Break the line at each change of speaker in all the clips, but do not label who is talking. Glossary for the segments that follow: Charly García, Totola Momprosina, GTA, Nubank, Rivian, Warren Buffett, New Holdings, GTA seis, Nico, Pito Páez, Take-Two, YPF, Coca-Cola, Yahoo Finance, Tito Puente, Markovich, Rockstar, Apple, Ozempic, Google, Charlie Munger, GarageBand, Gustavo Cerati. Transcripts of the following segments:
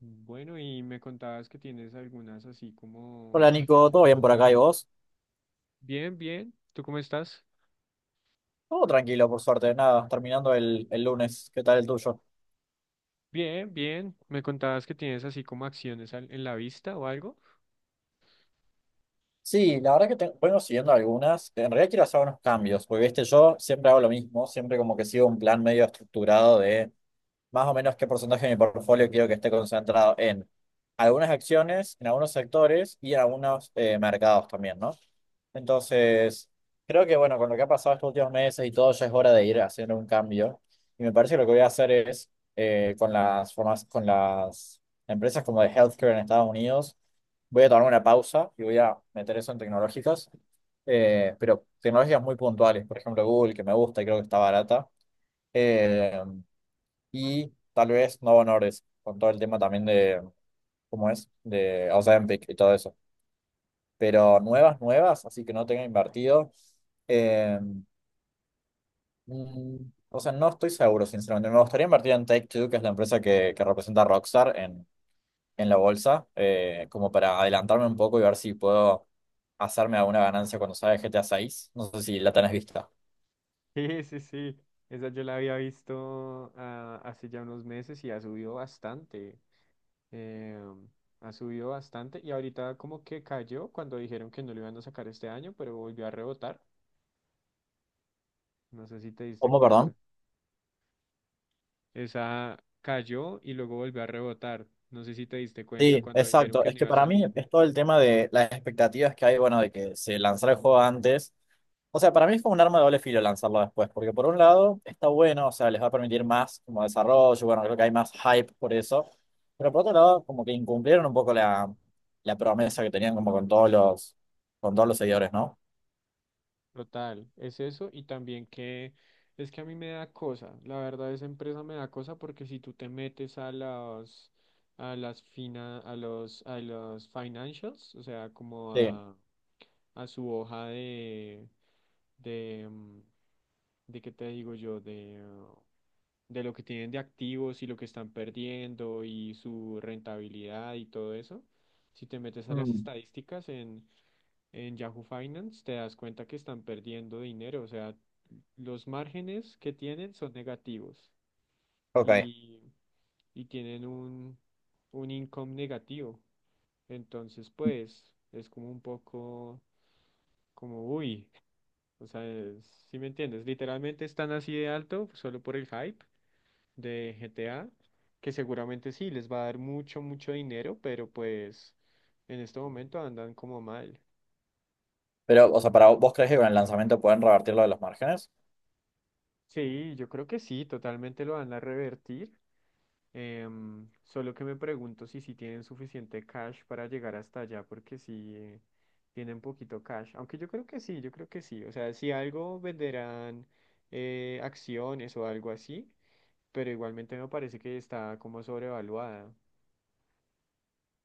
Bueno, y me contabas que tienes algunas así
Hola
como
Nico,
acciones.
¿todo bien por acá y vos?
Bien, bien. ¿Tú cómo estás?
Todo tranquilo, por suerte, nada, terminando el lunes, ¿qué tal el tuyo?
Bien, bien. Me contabas que tienes así como acciones en la vista o algo.
Sí, la verdad que vengo siguiendo algunas, en realidad quiero hacer unos cambios, porque viste, yo siempre hago lo mismo, siempre como que sigo un plan medio estructurado de más o menos qué porcentaje de mi portfolio quiero que esté concentrado en algunas acciones, en algunos sectores y en algunos mercados también, ¿no? Entonces, creo que bueno, con lo que ha pasado estos últimos meses y todo, ya es hora de ir haciendo un cambio. Y me parece que lo que voy a hacer es con las empresas como de healthcare en Estados Unidos. Voy a tomar una pausa y voy a meter eso en tecnológicas, pero tecnologías muy puntuales, por ejemplo Google, que me gusta y creo que está barata. Eh, y tal vez no honores con todo el tema también de, ¿cómo es? De Ozempic y todo eso. Pero
Claro.
nuevas, nuevas, así que no tenga invertido. eh, mm, o sea, no estoy seguro, sinceramente. Me gustaría invertir en Take-Two, que es la empresa que representa a Rockstar en la bolsa, como para adelantarme un poco y ver si puedo hacerme alguna ganancia cuando salga GTA 6. No sé si la tenés vista.
Sí, sí, sí. Esa yo la había visto hace ya unos meses y ha subido bastante. Eh, Ha subido bastante y ahorita como que cayó cuando dijeron que no lo iban a sacar este año, pero volvió a rebotar. No sé si te diste
¿Cómo,
cuenta.
perdón?
Esa cayó y luego volvió a rebotar. No sé si te diste cuenta
Sí,
cuando dijeron
exacto.
que
Es
no
que
iba a
para mí
salir.
es todo el tema de las expectativas que hay, bueno, de que se lanzara el juego antes. O sea, para mí fue un arma de doble filo lanzarlo después, porque por un lado está bueno, o sea, les va a permitir más como desarrollo, bueno, creo que hay más hype por eso, pero por otro lado como que incumplieron un poco la promesa que tenían como con todos los seguidores, ¿no?
Total, es eso y también que es que a mí me da cosa. La verdad, esa empresa me da cosa porque si tú te metes a las financials, o sea, como
Sí.
a, a su hoja de mm, de qué te digo yo de lo que tienen de activos y lo que están perdiendo y su rentabilidad y todo eso. Si te metes a las
Mm,
estadísticas en Yahoo Finance, te das cuenta que están perdiendo dinero, o sea, los márgenes que tienen son negativos
ok.
y, y tienen un income negativo. Entonces, pues, es como un poco como, uy, o sea, ¿si me entiendes? Literalmente están así de alto solo por el hype de GTA, que seguramente sí, les va a dar mucho, mucho dinero, pero pues en este momento andan como mal.
¿Pero, o sea, para vos crees que con el lanzamiento pueden revertir lo de los márgenes?
Sí, yo creo que sí, totalmente lo van a revertir. Solo que me pregunto si sí tienen suficiente cash para llegar hasta allá, porque si tienen poquito cash. Aunque yo creo que sí, yo creo que sí. O sea, si algo venderán, acciones o algo así, pero igualmente me parece que está como sobrevaluada.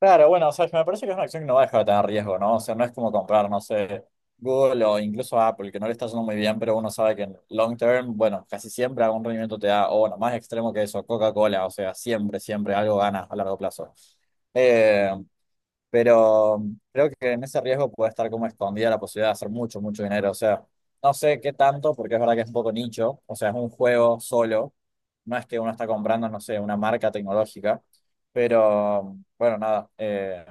Claro, bueno, o sea, me parece que es una acción que no va a dejar de tener riesgo, ¿no? O sea, no es como comprar, no sé, Google o incluso Apple, que no le está yendo muy bien, pero uno sabe que en long term, bueno, casi siempre algún rendimiento te da, o bueno, más extremo que eso, Coca-Cola, o sea, siempre, siempre algo ganas a largo plazo. Eh, pero creo que en ese riesgo puede estar como escondida la posibilidad de hacer mucho, mucho dinero. O sea, no sé qué tanto, porque es verdad que es un poco nicho, o sea, es un juego solo, no es que uno está comprando, no sé, una marca tecnológica, pero bueno, nada,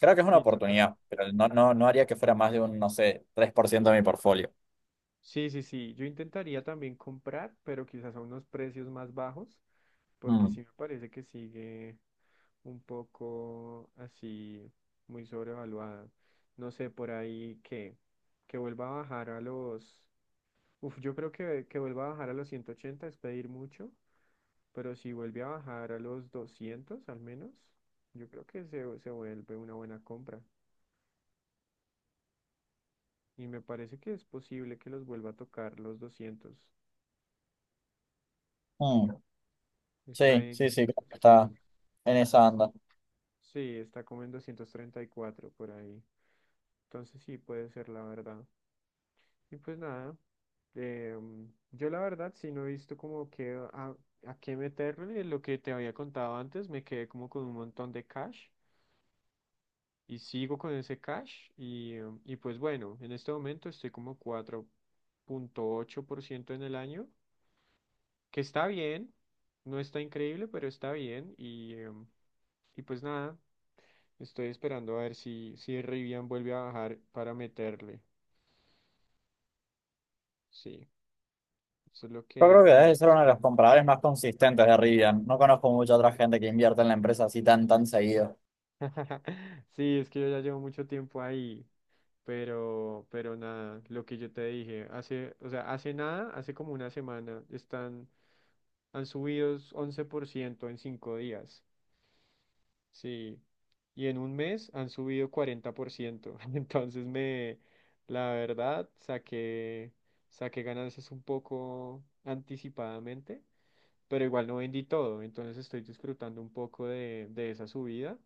creo que es una
Sí, total.
oportunidad, pero no, no, no haría que fuera más de un, no sé, 3% de mi portfolio.
Sí, sí, sí. Yo intentaría también comprar, pero quizás a unos precios más bajos, porque
Mm,
sí me parece que sigue un poco así, muy sobrevaluada. No sé, por que vuelva a bajar a los... Uf, yo creo que vuelva a bajar a los 180 es pedir mucho, pero si vuelve a bajar a los 200 al menos, yo creo que se vuelve una buena compra. Y me parece que es posible que los vuelva a tocar los 200.
mm,
Está
sí,
en...
sí, sí, creo que está en esa anda.
Sí, está como en 234 por ahí. Entonces sí, puede ser la verdad. Y pues nada, yo la verdad sí no he visto como a qué meterle. Lo que te había contado antes, me quedé como con un montón de cash y sigo con ese cash. Y, y pues bueno, en este momento estoy como 4.8% en el año, que está bien, no está increíble, pero está bien. Y, y pues nada. Estoy esperando a ver si Rivian vuelve a bajar para meterle. Sí, eso es lo
Yo creo
que
que debe
ando
ser uno de los
esperando.
compradores más consistentes de Rivian. No conozco mucha otra gente que invierta en la empresa así tan, tan seguido.
Sí, es que yo ya llevo mucho tiempo ahí, pero nada, lo que yo te dije, hace, o sea, hace nada, hace como una semana, están, han subido 11% en 5 días, sí, y en un mes han subido 40% entonces me, la verdad, saqué ganancias un poco anticipadamente pero igual no vendí todo, entonces estoy disfrutando un poco de esa subida,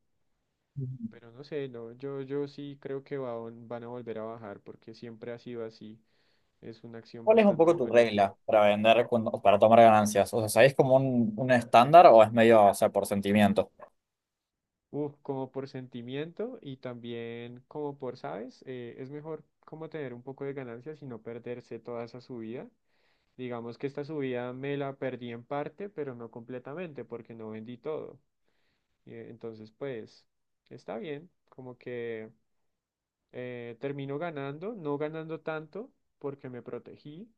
Ujú.
pero no sé, no, yo sí creo que van a volver a bajar porque siempre ha sido así, es una acción
¿Cuál es un
bastante
poco tu
volátil.
regla para vender cuando o para tomar ganancias? O sea, ¿sabés como un estándar o es medio, o sea, por sentimiento?
Uf, como por sentimiento y también como por, ¿sabes? Es mejor como tener un poco de ganancias y no perderse toda esa subida. Digamos que esta subida me la perdí en parte, pero no completamente porque no vendí todo. Entonces, pues, está bien, como que... termino ganando, no ganando tanto porque me protegí,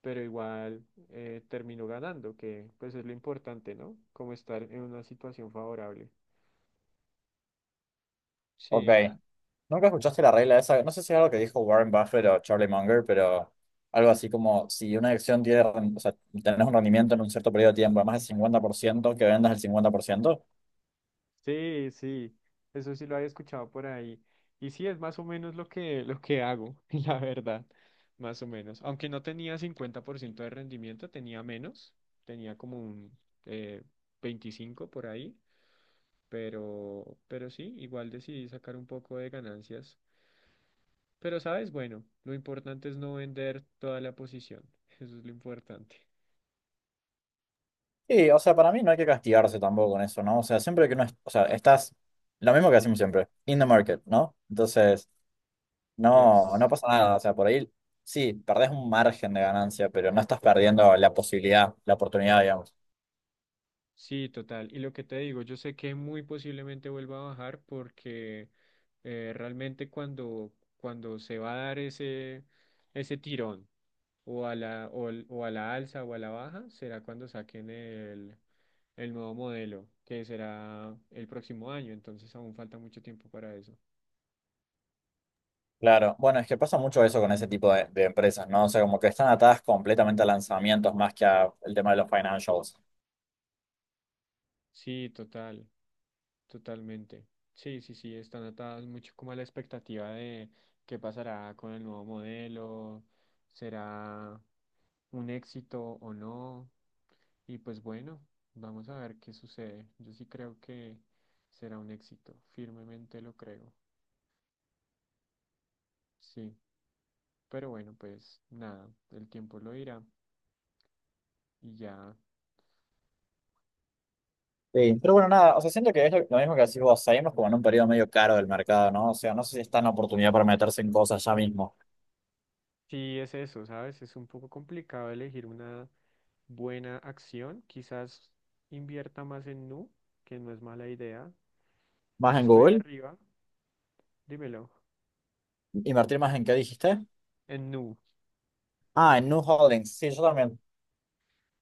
pero igual termino ganando, que pues es lo importante, ¿no? Como estar en una situación favorable.
Ok.
Sí,
¿Nunca escuchaste la regla esa? No sé si es algo que dijo Warren Buffett o Charlie Munger, pero algo así como si una acción tiene, o sea, tenés un rendimiento en un cierto periodo de tiempo, de más del 50%, que vendas el 50%.
sí, sí, eso sí lo había escuchado por ahí. Y sí, es más o menos lo lo que hago, la verdad, más o menos. Aunque no tenía 50% de rendimiento, tenía menos, tenía como un eh, 25 por ahí, pero sí, igual decidí sacar un poco de ganancias. Pero, ¿sabes? Bueno, lo importante es no vender toda la posición. Eso es lo importante.
Y, o sea, para mí no hay que castigarse tampoco con eso, ¿no? O sea, siempre que uno, o sea, estás, lo, mismo que hacemos siempre, in the market, ¿no? Entonces, no, no
Yes.
pasa nada. O sea, por ahí sí, perdés un margen de ganancia, pero no estás perdiendo la posibilidad, la oportunidad, digamos.
Sí, total. Y lo que te digo, yo sé que muy posiblemente vuelva a bajar porque realmente cuando se va a dar ese tirón o a o a la alza o a la baja, será cuando saquen el nuevo modelo, que será el próximo año. Entonces aún falta mucho tiempo para eso.
Claro, bueno, es que pasa mucho eso con ese tipo de empresas, ¿no? O sea, como que están atadas completamente a lanzamientos más que al tema de los financials.
Sí, total. Totalmente. Sí, sí, sí, están atadas mucho como a la expectativa de qué pasará con el nuevo modelo, será un éxito o no. Y pues bueno, vamos a ver qué sucede. Yo sí creo que será un éxito, firmemente lo creo. Sí, pero bueno, pues nada, el tiempo lo dirá y ya.
Sí. Pero bueno, nada, o sea, siento que es lo mismo que decís vos, seguimos como en un periodo medio caro del mercado, ¿no? O sea, no sé si está en oportunidad para meterse en cosas ya mismo.
Sí, es eso, ¿sabes? Es un poco complicado elegir una buena acción. Quizás invierta más en Nu, que no es mala idea.
¿Más
Pues
en
estoy
Google?
arriba, dímelo.
¿Invertir más en qué dijiste?
En Nu.
Ah, en New Holdings. Sí, yo también.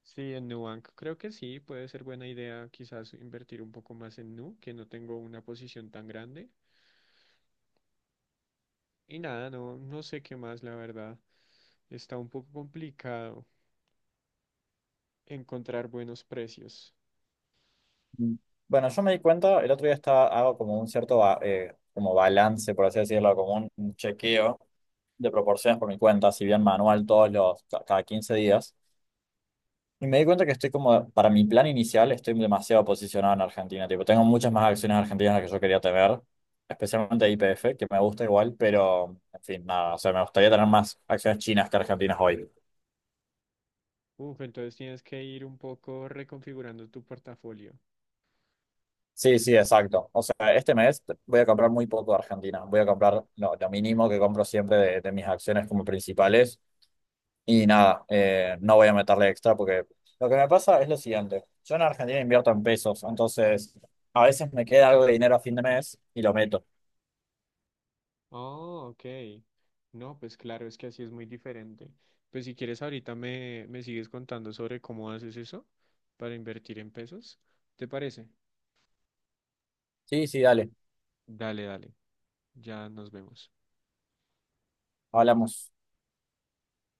Sí, en Nubank. Creo que sí, puede ser buena idea quizás invertir un poco más en Nu, que no tengo una posición tan grande. Y nada, no, no sé qué más, la verdad. Está un poco complicado encontrar buenos precios.
Mm. Bueno, yo me di cuenta, el otro día estaba, hago como un cierto como balance, por así decirlo, como un chequeo de proporciones por mi cuenta, si bien manual cada 15 días. Y me di cuenta que estoy como, para mi plan inicial, estoy demasiado posicionado en Argentina. Tipo, tengo muchas más acciones argentinas de las que yo quería tener, especialmente YPF, que me gusta igual, pero, en fin, nada, o sea, me gustaría tener más acciones chinas que argentinas hoy.
Uf, entonces tienes que ir un poco reconfigurando tu portafolio.
Sí, sí, exacto. O sea, este mes voy a comprar muy poco de Argentina. Voy a comprar lo mínimo que compro siempre de mis acciones como principales. Y nada, no voy a meterle extra porque lo que me pasa es lo siguiente. Yo en Argentina invierto en pesos, entonces a veces me queda algo de dinero a fin de mes y lo meto.
Oh, ok. No, pues claro, es que así es muy diferente. Pues si quieres ahorita me sigues contando sobre cómo haces eso para invertir en pesos. ¿Te parece?
Sí, sí, dale.
Dale, dale. Ya nos vemos.
Hablamos.